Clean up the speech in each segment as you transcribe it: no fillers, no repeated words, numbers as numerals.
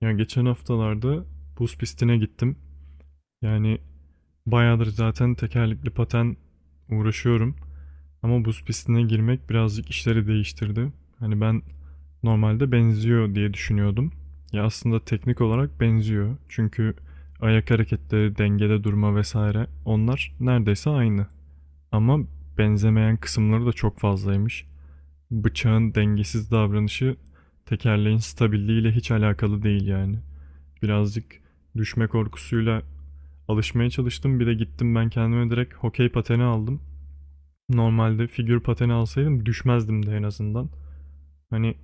Ya geçen haftalarda buz pistine gittim. Yani bayağıdır zaten tekerlekli paten uğraşıyorum. Ama buz pistine girmek birazcık işleri değiştirdi. Ben normalde benziyor diye düşünüyordum. Ya aslında teknik olarak benziyor. Çünkü ayak hareketleri, dengede durma vesaire onlar neredeyse aynı. Ama benzemeyen kısımları da çok fazlaymış. Bıçağın dengesiz davranışı tekerleğin stabilliğiyle hiç alakalı değil yani. Birazcık düşme korkusuyla alışmaya çalıştım. Bir de gittim ben kendime direkt hokey pateni aldım. Normalde figür pateni alsaydım düşmezdim de en azından. Hani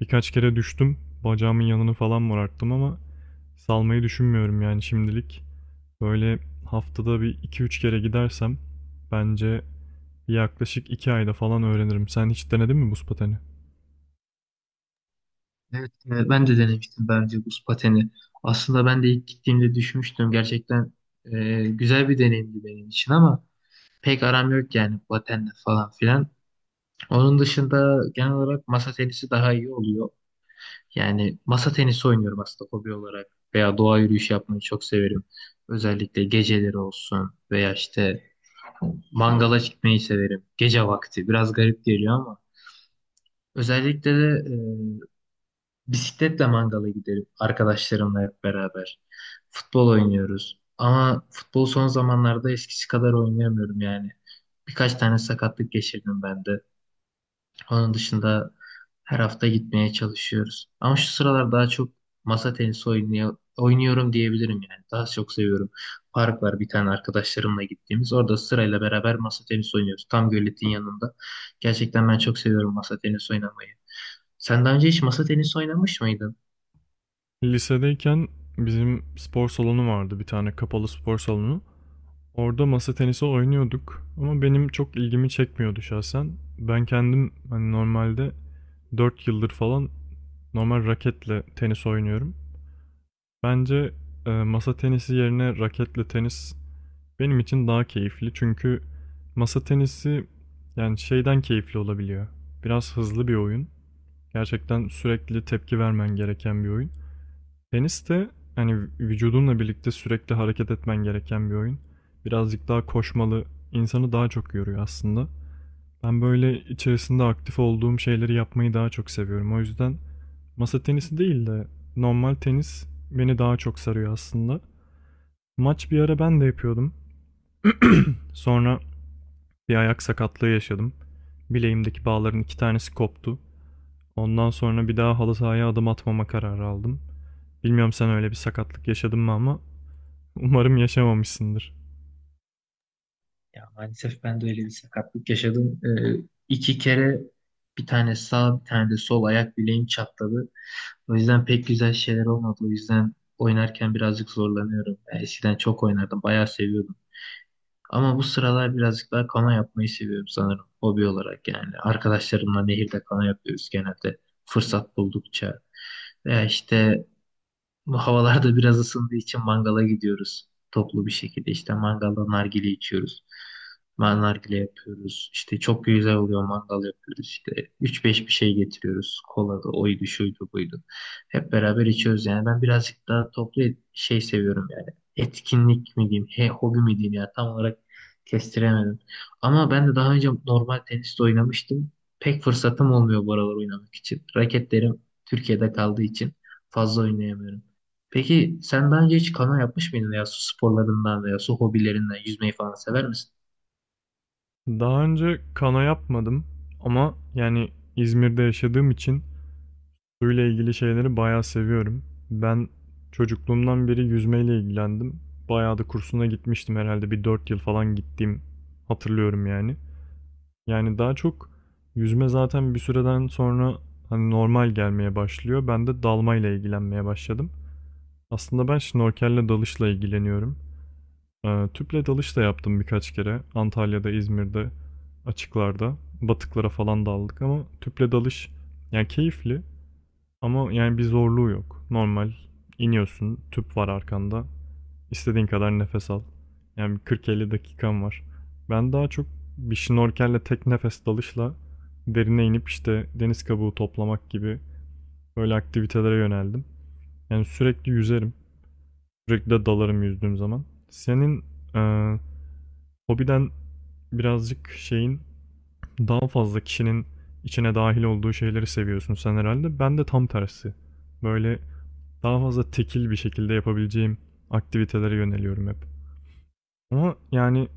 birkaç kere düştüm. Bacağımın yanını falan morarttım ama salmayı düşünmüyorum yani şimdilik. Böyle haftada bir iki üç kere gidersem bence yaklaşık 2 ayda falan öğrenirim. Sen hiç denedin mi buz pateni? Evet, ben de denemiştim daha buz pateni. Aslında ben de ilk gittiğimde düşmüştüm. Gerçekten güzel bir deneyimdi benim için ama pek aram yok yani patenle falan filan. Onun dışında genel olarak masa tenisi daha iyi oluyor. Yani masa tenisi oynuyorum aslında hobi olarak veya doğa yürüyüşü yapmayı çok severim. Özellikle geceleri olsun veya işte mangala gitmeyi severim. Gece vakti biraz garip geliyor ama özellikle de e, Bisikletle mangala giderim arkadaşlarımla hep beraber. Futbol oynuyoruz. Ama futbol son zamanlarda eskisi kadar oynayamıyorum yani. Birkaç tane sakatlık geçirdim ben de. Onun dışında her hafta gitmeye çalışıyoruz. Ama şu sıralar daha çok masa tenisi oynuyorum diyebilirim yani. Daha çok seviyorum. Park var bir tane arkadaşlarımla gittiğimiz. Orada sırayla beraber masa tenisi oynuyoruz. Tam göletin yanında. Gerçekten ben çok seviyorum masa tenisi oynamayı. Sen daha önce hiç masa tenisi oynamış mıydın? Lisedeyken bizim spor salonu vardı bir tane kapalı spor salonu. Orada masa tenisi oynuyorduk ama benim çok ilgimi çekmiyordu şahsen. Ben kendim hani normalde 4 yıldır falan normal raketle tenis oynuyorum. Bence masa tenisi yerine raketle tenis benim için daha keyifli çünkü masa tenisi yani şeyden keyifli olabiliyor. Biraz hızlı bir oyun. Gerçekten sürekli tepki vermen gereken bir oyun. Tenis de hani vücudunla birlikte sürekli hareket etmen gereken bir oyun. Birazcık daha koşmalı, insanı daha çok yoruyor aslında. Ben böyle içerisinde aktif olduğum şeyleri yapmayı daha çok seviyorum. O yüzden masa tenisi değil de normal tenis beni daha çok sarıyor aslında. Maç bir ara ben de yapıyordum. Sonra bir ayak sakatlığı yaşadım. Bileğimdeki bağların iki tanesi koptu. Ondan sonra bir daha halı sahaya adım atmama kararı aldım. Bilmiyorum sen öyle bir sakatlık yaşadın mı ama umarım yaşamamışsındır. Ya maalesef ben de öyle bir sakatlık yaşadım. İki kere bir tane sağ bir tane de sol ayak bileğim çatladı. O yüzden pek güzel şeyler olmadı. O yüzden oynarken birazcık zorlanıyorum. Ben eskiden çok oynardım. Bayağı seviyordum. Ama bu sıralar birazcık daha kana yapmayı seviyorum sanırım. Hobi olarak yani. Arkadaşlarımla nehirde kana yapıyoruz genelde. Fırsat buldukça. Veya işte bu havalarda biraz ısındığı için mangala gidiyoruz. Toplu bir şekilde işte mangalda nargile içiyoruz. Ben nargile yapıyoruz. İşte çok güzel oluyor mangal yapıyoruz. İşte üç beş bir şey getiriyoruz. Kola da oydu şuydu buydu. Hep beraber içiyoruz yani. Ben birazcık daha toplu şey seviyorum yani. Etkinlik mi diyeyim, hobi mi diyeyim ya tam olarak kestiremedim. Ama ben de daha önce normal tenis de oynamıştım. Pek fırsatım olmuyor bu aralar oynamak için. Raketlerim Türkiye'de kaldığı için fazla oynayamıyorum. Peki sen daha önce hiç kano yapmış mıydın ya su sporlarından veya su hobilerinden yüzmeyi falan sever misin? Daha önce kano yapmadım ama yani İzmir'de yaşadığım için suyla ilgili şeyleri bayağı seviyorum. Ben çocukluğumdan beri yüzmeyle ilgilendim. Bayağı da kursuna gitmiştim herhalde bir 4 yıl falan gittiğim hatırlıyorum yani. Yani daha çok yüzme zaten bir süreden sonra hani normal gelmeye başlıyor. Ben de dalmayla ilgilenmeye başladım. Aslında ben şnorkelle dalışla ilgileniyorum. Tüple dalış da yaptım birkaç kere. Antalya'da, İzmir'de, açıklarda. Batıklara falan daldık ama tüple dalış yani keyifli ama yani bir zorluğu yok. Normal iniyorsun, tüp var arkanda. İstediğin kadar nefes al. Yani bir 40-50 dakikan var. Ben daha çok bir şnorkelle tek nefes dalışla derine inip işte deniz kabuğu toplamak gibi böyle aktivitelere yöneldim. Yani sürekli yüzerim. Sürekli de dalarım yüzdüğüm zaman. Senin e, hobiden birazcık şeyin daha fazla kişinin içine dahil olduğu şeyleri seviyorsun sen herhalde. Ben de tam tersi. Böyle daha fazla tekil bir şekilde yapabileceğim aktivitelere yöneliyorum hep. Ama yani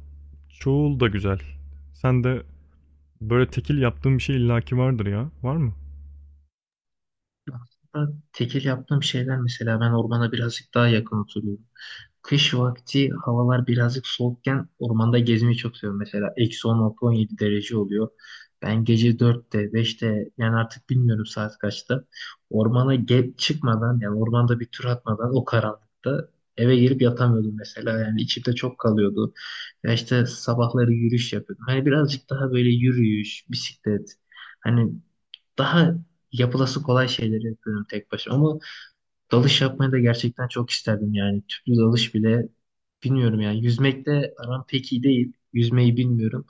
çoğul da güzel. Sen de böyle tekil yaptığın bir şey illaki vardır ya. Var mı? Aslında tekil yaptığım şeyler mesela ben ormana birazcık daha yakın oturuyorum. Kış vakti havalar birazcık soğukken ormanda gezmeyi çok seviyorum. Mesela -10, altı 17 derece oluyor. Ben gece 4'te, 5'te, yani artık bilmiyorum saat kaçta ormana çıkmadan yani ormanda bir tur atmadan o karanlıkta eve gelip yatamıyordum mesela. Yani içimde çok kalıyordu. Ya işte sabahları yürüyüş yapıyordum. Hani birazcık daha böyle yürüyüş, bisiklet hani daha yapılası kolay şeyleri yapıyorum tek başıma. Ama dalış yapmayı da gerçekten çok isterdim yani. Tüplü dalış bile bilmiyorum yani. Yüzmekte aram pek iyi değil. Yüzmeyi bilmiyorum.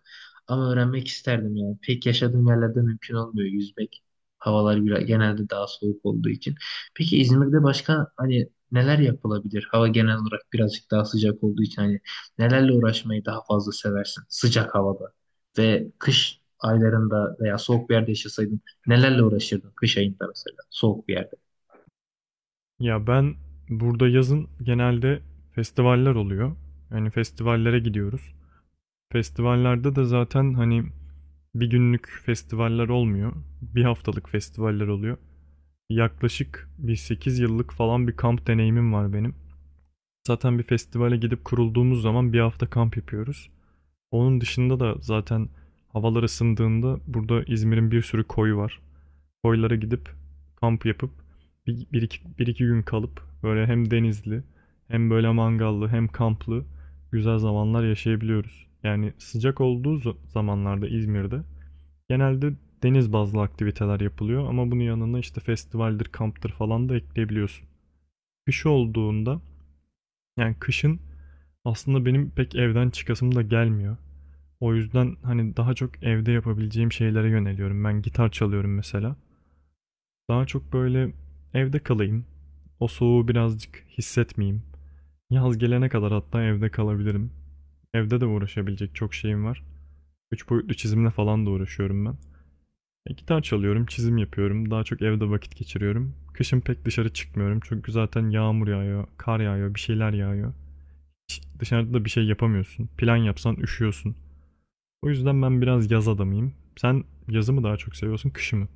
Ama öğrenmek isterdim yani. Pek yaşadığım yerlerde mümkün olmuyor yüzmek. Havalar genelde daha soğuk olduğu için. Peki İzmir'de başka hani neler yapılabilir? Hava genel olarak birazcık daha sıcak olduğu için hani nelerle uğraşmayı daha fazla seversin sıcak havada ve kış aylarında veya soğuk bir yerde yaşasaydın nelerle uğraşırdın kış ayında mesela soğuk bir yerde? Ya ben burada yazın genelde festivaller oluyor. Yani festivallere gidiyoruz. Festivallerde de zaten hani bir günlük festivaller olmuyor. Bir haftalık festivaller oluyor. Yaklaşık bir 8 yıllık falan bir kamp deneyimim var benim. Zaten bir festivale gidip kurulduğumuz zaman bir hafta kamp yapıyoruz. Onun dışında da zaten havalar ısındığında burada İzmir'in bir sürü koyu var. Koylara gidip kamp yapıp bir iki gün kalıp böyle hem denizli hem böyle mangallı hem kamplı güzel zamanlar yaşayabiliyoruz. Yani sıcak olduğu zamanlarda İzmir'de genelde deniz bazlı aktiviteler yapılıyor ama bunun yanına işte festivaldir, kamptır falan da ekleyebiliyorsun. Kış olduğunda yani kışın aslında benim pek evden çıkasım da gelmiyor. O yüzden hani daha çok evde yapabileceğim şeylere yöneliyorum. Ben gitar çalıyorum mesela. Daha çok böyle evde kalayım. O soğuğu birazcık hissetmeyeyim. Yaz gelene kadar hatta evde kalabilirim. Evde de uğraşabilecek çok şeyim var. Üç boyutlu çizimle falan da uğraşıyorum ben. Gitar çalıyorum, çizim yapıyorum. Daha çok evde vakit geçiriyorum. Kışın pek dışarı çıkmıyorum çünkü zaten yağmur yağıyor, kar yağıyor, bir şeyler yağıyor. Hiç dışarıda da bir şey yapamıyorsun. Plan yapsan üşüyorsun. O yüzden ben biraz yaz adamıyım. Sen yazı mı daha çok seviyorsun, kışı mı?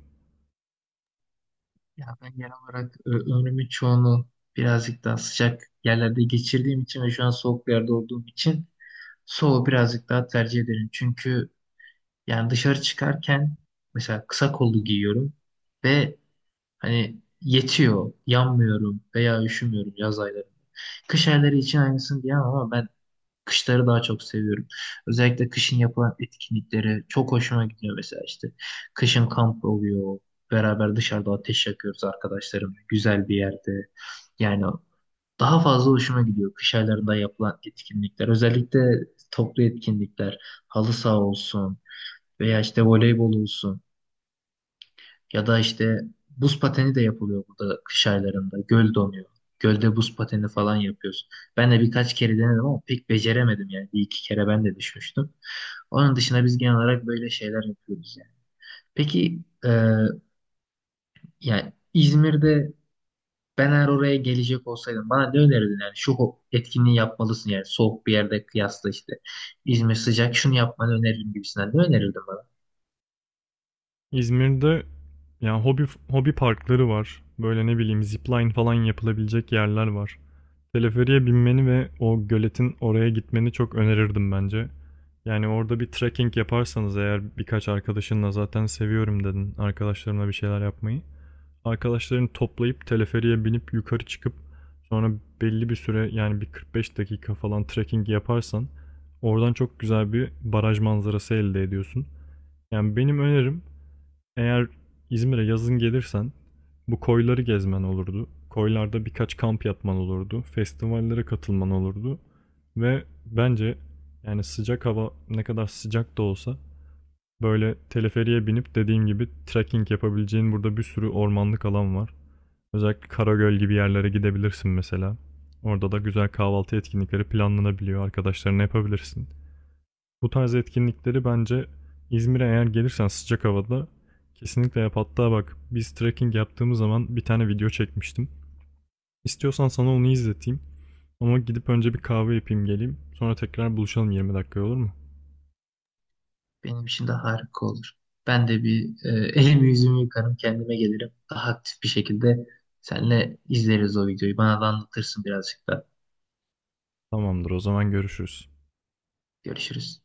Ya ben genel olarak ömrümün çoğunu birazcık daha sıcak yerlerde geçirdiğim için ve şu an soğuk bir yerde olduğum için soğuğu birazcık daha tercih ederim. Çünkü yani dışarı çıkarken mesela kısa kollu giyiyorum ve hani yetiyor, yanmıyorum veya üşümüyorum yaz ayları. Kış ayları için aynısını diyemem ama ben kışları daha çok seviyorum. Özellikle kışın yapılan etkinlikleri çok hoşuma gidiyor mesela işte. Kışın kamp oluyor. Beraber dışarıda ateş yakıyoruz arkadaşlarımla. Güzel bir yerde. Yani daha fazla hoşuma gidiyor kış aylarında yapılan etkinlikler. Özellikle toplu etkinlikler. Halı saha olsun veya işte voleybol olsun. Ya da işte buz pateni de yapılıyor burada kış aylarında. Göl donuyor. Gölde buz pateni falan yapıyoruz. Ben de birkaç kere denedim ama pek beceremedim yani. Bir iki kere ben de düşmüştüm. Onun dışında biz genel olarak böyle şeyler yapıyoruz yani. Peki yani İzmir'de ben eğer oraya gelecek olsaydım bana ne önerirdin yani şu etkinliği yapmalısın yani soğuk bir yerde kıyasla işte İzmir sıcak şunu yapmanı öneririm gibisinden ne önerirdin? İzmir'de yani hobi parkları var. Böyle ne bileyim zipline falan yapılabilecek yerler var. Teleferiğe binmeni ve o göletin oraya gitmeni çok önerirdim bence. Yani orada bir trekking yaparsanız eğer birkaç arkadaşınla zaten seviyorum dedin arkadaşlarımla bir şeyler yapmayı. Arkadaşlarını toplayıp teleferiğe binip yukarı çıkıp sonra belli bir süre yani bir 45 dakika falan trekking yaparsan oradan çok güzel bir baraj manzarası elde ediyorsun. Yani benim önerim eğer İzmir'e yazın gelirsen bu koyları gezmen olurdu. Koylarda birkaç kamp yapman olurdu. Festivallere katılman olurdu. Ve bence yani sıcak hava ne kadar sıcak da olsa böyle teleferiye binip dediğim gibi trekking yapabileceğin burada bir sürü ormanlık alan var. Özellikle Karagöl gibi yerlere gidebilirsin mesela. Orada da güzel kahvaltı etkinlikleri planlanabiliyor. Arkadaşlarına yapabilirsin. Bu tarz etkinlikleri bence İzmir'e eğer gelirsen sıcak havada kesinlikle yap. Hatta bak biz trekking yaptığımız zaman bir tane video çekmiştim. İstiyorsan sana onu izleteyim. Ama gidip önce bir kahve yapayım geleyim. Sonra tekrar buluşalım 20 dakika olur mu? Benim için de harika olur. Ben de bir elimi yüzümü yıkarım, kendime gelirim. Daha aktif bir şekilde seninle izleriz o videoyu. Bana da anlatırsın birazcık da. Tamamdır o zaman görüşürüz. Görüşürüz.